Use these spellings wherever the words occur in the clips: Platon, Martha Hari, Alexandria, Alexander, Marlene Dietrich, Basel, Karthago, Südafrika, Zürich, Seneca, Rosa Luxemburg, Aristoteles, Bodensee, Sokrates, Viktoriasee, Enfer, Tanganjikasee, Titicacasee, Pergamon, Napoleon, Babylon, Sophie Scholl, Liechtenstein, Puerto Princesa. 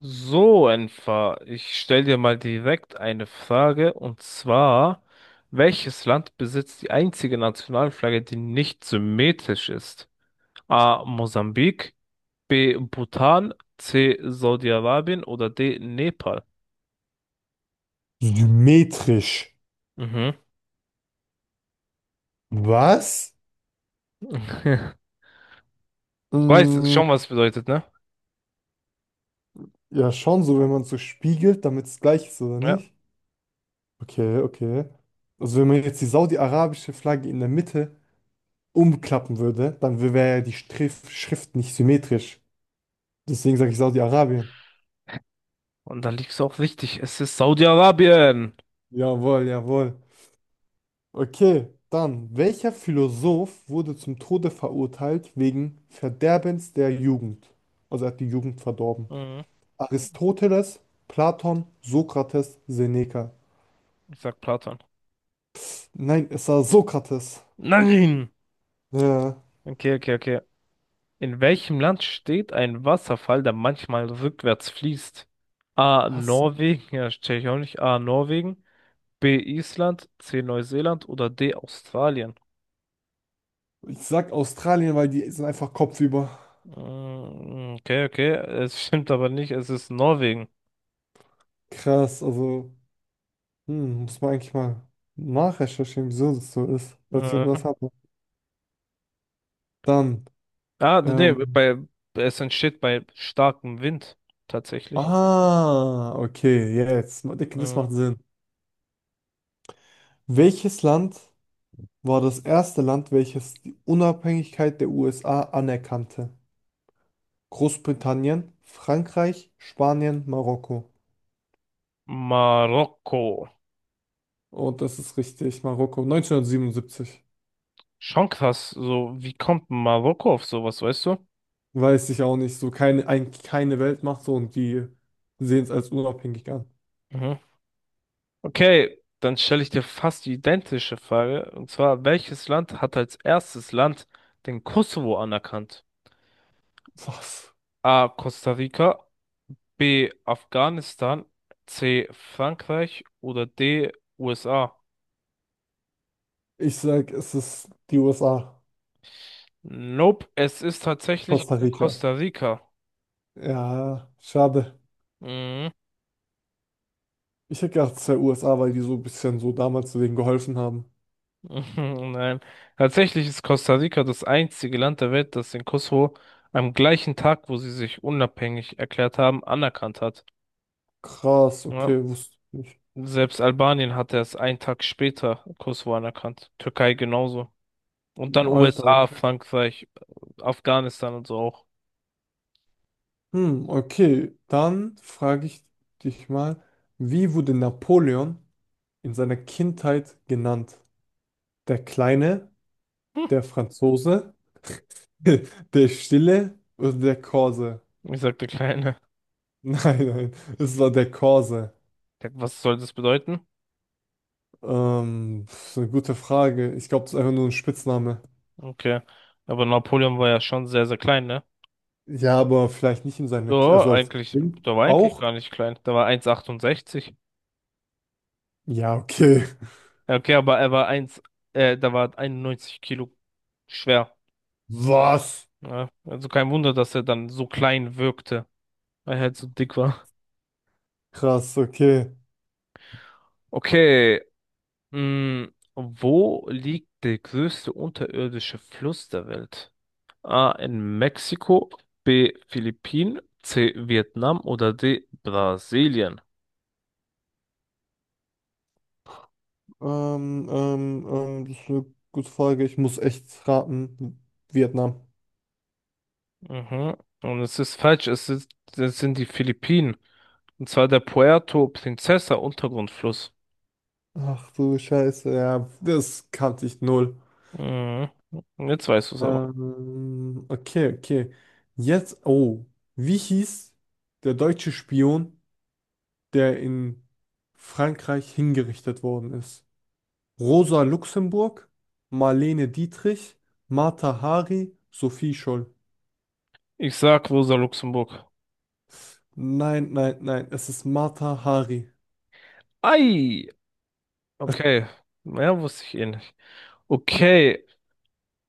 So, Enfer, ich stelle dir mal direkt eine Frage, und zwar, welches Land besitzt die einzige Nationalflagge, die nicht symmetrisch ist? A. Mosambik, B. Bhutan, C. Saudi-Arabien oder D. Nepal? Symmetrisch. Mhm. Was? Du weißt Mm, schon, was es bedeutet, ne? ja, schon so, wenn man so spiegelt, damit es gleich ist, oder Ja. nicht? Okay, okay. Also wenn man jetzt die saudi-arabische Flagge in der Mitte umklappen würde, dann wäre ja die Strif Schrift nicht symmetrisch. Deswegen sage ich Saudi-Arabien. Und da liegst du auch richtig. Es ist Saudi-Arabien. Jawohl, jawohl. Okay, dann, welcher Philosoph wurde zum Tode verurteilt wegen Verderbens der Jugend? Also er hat die Jugend verdorben. Mhm. Aristoteles, Platon, Sokrates, Seneca. Ich sag Platon. Nein, es war Sokrates. Nein! Ja. Okay, okay, okay. In welchem Land steht ein Wasserfall, der manchmal rückwärts fließt? A. Was? Norwegen, ja, check ich auch nicht. A. Norwegen, B. Island, C. Neuseeland oder D. Australien? Ich sag Australien, weil die sind einfach kopfüber. Mm. Okay, okay, es stimmt aber nicht, es ist Norwegen. Krass, also, hm, muss man eigentlich mal nachrecherchieren, wieso das so ist. Falls ich Mhm. irgendwas habe. Dann, Ah, nee, ähm, bei, Es entsteht bei starkem Wind tatsächlich. ah, okay, jetzt. Ich denke, das Mhm. macht Sinn. Welches Land war das erste Land, welches die Unabhängigkeit der USA anerkannte? Großbritannien, Frankreich, Spanien, Marokko. Marokko. Und das ist richtig, Marokko, 1977. Schon krass, so, wie kommt Marokko auf sowas, weißt du? Weiß ich auch nicht. So keine, eigentlich keine Weltmacht so und die sehen es als unabhängig an. Mhm. Okay, dann stelle ich dir fast die identische Frage. Und zwar, welches Land hat als erstes Land den Kosovo anerkannt? Was? A. Costa Rica, B. Afghanistan, C. Frankreich oder D. USA? Ich sag, es ist die USA. Nope, es ist tatsächlich Costa Rica. Costa Rica. Ja, schade. Mhm. Ich hätte gedacht, es wäre USA, weil die so ein bisschen so damals denen geholfen haben. Nein, tatsächlich ist Costa Rica das einzige Land der Welt, das den Kosovo am gleichen Tag, wo sie sich unabhängig erklärt haben, anerkannt hat. Krass, Ja. okay, wusste ich nicht. Selbst Albanien hat erst einen Tag später Kosovo anerkannt. Türkei genauso. Und dann Alter, USA, okay. Frankreich, Afghanistan und so auch. Hm, okay. Dann frage ich dich mal, wie wurde Napoleon in seiner Kindheit genannt? Der Kleine, der Franzose, der Stille oder der Korse. Ich sag der Kleine. Nein, es war der Korse. Ja, was soll das bedeuten? Das ist eine gute Frage. Ich glaube, das ist einfach nur ein Spitzname. Okay. Aber Napoleon war ja schon sehr, sehr klein, ne? Ja, aber vielleicht nicht in seiner, Ja, also als eigentlich, Kind der war eigentlich auch? gar nicht klein. Der war 1,68. Ja, okay. Ja, okay, aber er war 1, da war 91 Kilo schwer. Was? Ja, also kein Wunder, dass er dann so klein wirkte, weil er halt so dick war. Krass, okay. Okay. Mm, wo liegt der größte unterirdische Fluss der Welt? A. In Mexiko, B. Philippinen, C. Vietnam oder D. Brasilien? Das ist eine gute Frage. Ich muss echt raten. Vietnam. Mhm. Und es ist falsch, es ist, es sind die Philippinen. Und zwar der Puerto Princesa Untergrundfluss. Ach du Scheiße, ja, das kannte ich null. Mhm. Jetzt weißt du es aber. Okay, okay. Jetzt, oh, wie hieß der deutsche Spion, der in Frankreich hingerichtet worden ist? Rosa Luxemburg, Marlene Dietrich, Martha Hari, Sophie Scholl. Ich sag Rosa Luxemburg. Nein, es ist Martha Hari. Ei! Okay. Ja, wusste ich eh nicht. Okay.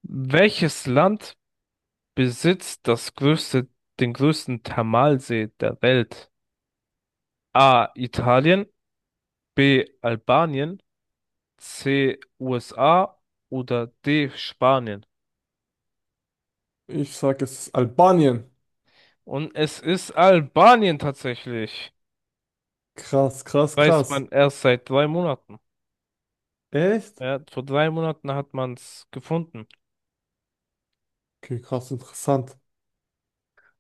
Welches Land besitzt den größten Thermalsee der Welt? A. Italien, B. Albanien, C. USA oder D. Spanien? Ich sag, es ist Albanien. Und es ist Albanien tatsächlich. Krass, krass, Weiß krass. man erst seit 3 Monaten. Echt? Ja, vor 3 Monaten hat man es gefunden. Okay, krass, interessant.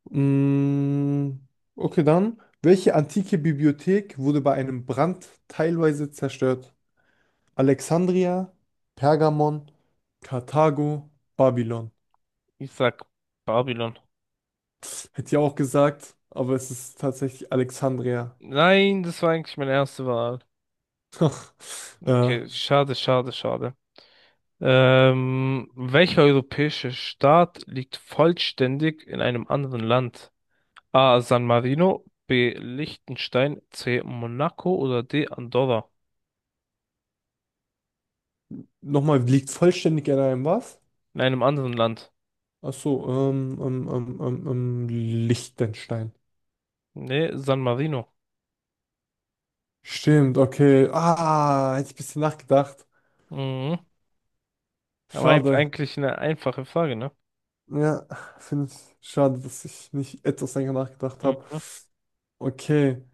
Mm, okay, dann. Welche antike Bibliothek wurde bei einem Brand teilweise zerstört? Alexandria, Pergamon, Karthago, Babylon. Ich sag Babylon. Hätte ich auch gesagt, aber es ist tatsächlich Alexandria. Nein, das war eigentlich meine erste Wahl. Okay, Ja. schade, schade, schade. Welcher europäische Staat liegt vollständig in einem anderen Land? A. San Marino, B. Liechtenstein, C. Monaco oder D. Andorra? Nochmal, liegt vollständig in einem was? In einem anderen Land. Ach so, Liechtenstein. Nee, San Marino. Stimmt, okay. Ah, hätte ich ein bisschen nachgedacht. Mhm. Schade. Eigentlich eine einfache Frage, ne? Ja, finde ich schade, dass ich nicht etwas länger nachgedacht habe. Mhm. Okay,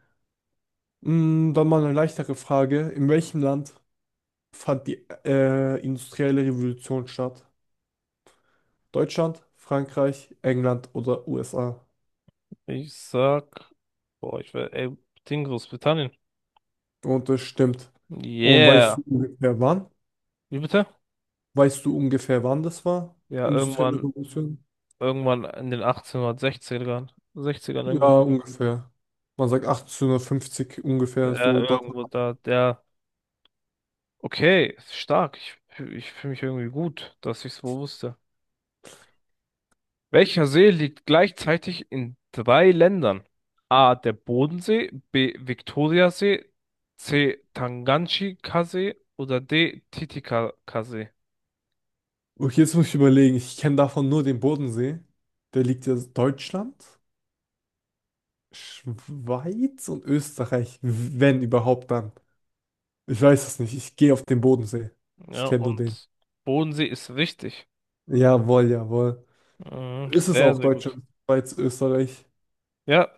mm, dann mal eine leichtere Frage. In welchem Land fand die industrielle Revolution statt? Deutschland, Frankreich, England oder USA? Ich sag, boah, ich will, ey, Ding Großbritannien. Und das stimmt. Und Yeah. weißt du ungefähr wann? Wie bitte? Weißt du ungefähr wann das war? Ja, Industrielle irgendwann, Revolution? irgendwann in den 1860ern, 60ern irgendwo. Ja, ungefähr. Man sagt 1850 ungefähr Ja, so. Da. irgendwo da, der. Okay, ist stark. Ich fühle mich irgendwie gut, dass ich es wohl wusste. Welcher See liegt gleichzeitig in 3 Ländern? A. Der Bodensee, B. Viktoriasee, C. Tanganjikasee oder D. Titicacasee? Okay, jetzt muss ich überlegen. Ich kenne davon nur den Bodensee. Der liegt ja Deutschland, Schweiz und Österreich, wenn überhaupt dann. Ich weiß es nicht. Ich gehe auf den Bodensee. Ich Ja, kenne nur den. und Bodensee ist richtig. Jawohl, jawohl. Mhm, Ist es sehr, auch sehr gut. Deutschland, Schweiz, Österreich? Ja,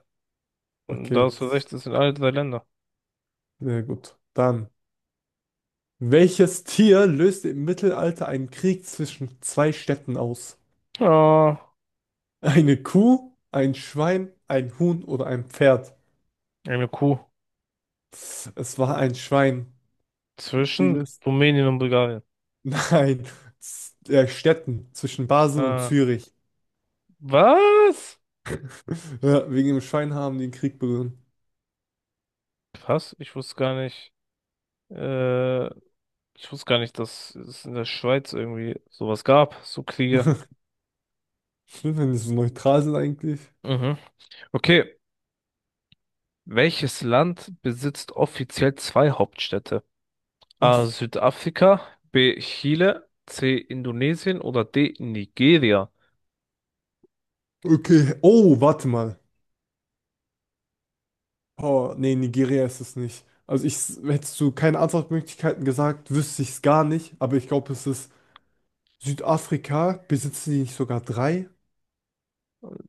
da Okay, hast du recht, es sind alle 3 Länder. sehr gut. Dann. Welches Tier löste im Mittelalter einen Krieg zwischen zwei Städten aus? Ah, Eine Kuh, ein Schwein, ein Huhn oder ein Pferd? eine Kuh. Es war ein Schwein. Die Zwischen löst Rumänien und Bulgarien. nein, Städten zwischen Basel und Ah, Zürich. was? Ja, wegen dem Schwein den Krieg begonnen. Krass, ich wusste gar nicht. Äh, ich wusste gar nicht, dass es in der Schweiz irgendwie sowas gab, so Kriege. Schlimm, wenn die so neutral sind eigentlich. Mhm. Okay, welches Land besitzt offiziell 2 Hauptstädte? A. Was? Südafrika, B. Chile, C. Indonesien oder D. Nigeria? Okay. Oh, warte mal. Oh, nee, Nigeria ist es nicht. Also hättest du keine Antwortmöglichkeiten gesagt, wüsste ich es gar nicht. Aber ich glaube, es ist Südafrika. Besitzen die nicht sogar drei?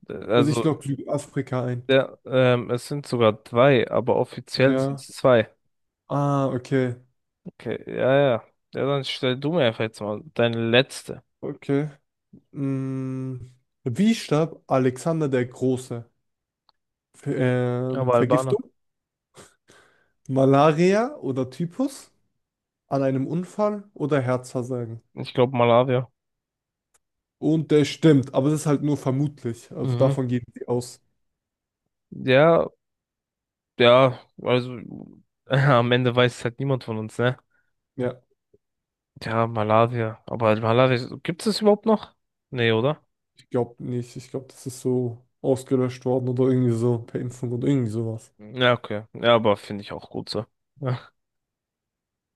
Also ich Also, logge Südafrika ein. ja, es sind sogar drei, aber offiziell sind Ja. es 2. Ah, okay. Okay, ja, ja. Ja, dann stell du mir einfach jetzt mal deine letzte. Okay. Mm. Wie starb Alexander der Große? Ver- Aber Albaner. Vergiftung, Malaria oder Typhus an einem Unfall oder Herzversagen. Ich glaube Malawi. Und der stimmt, aber das ist halt nur vermutlich. Also Mhm. davon gehen sie aus. Ja, ja, also am Ende weiß es halt niemand von uns, ne? Ja, Ja, Malaria. Aber Malaria, gibt es das überhaupt noch? Nee, oder? ich glaube nicht. Ich glaube, das ist so ausgelöscht worden oder irgendwie so per Impfung oder irgendwie sowas. Ja, okay. Ja, aber finde ich auch gut so.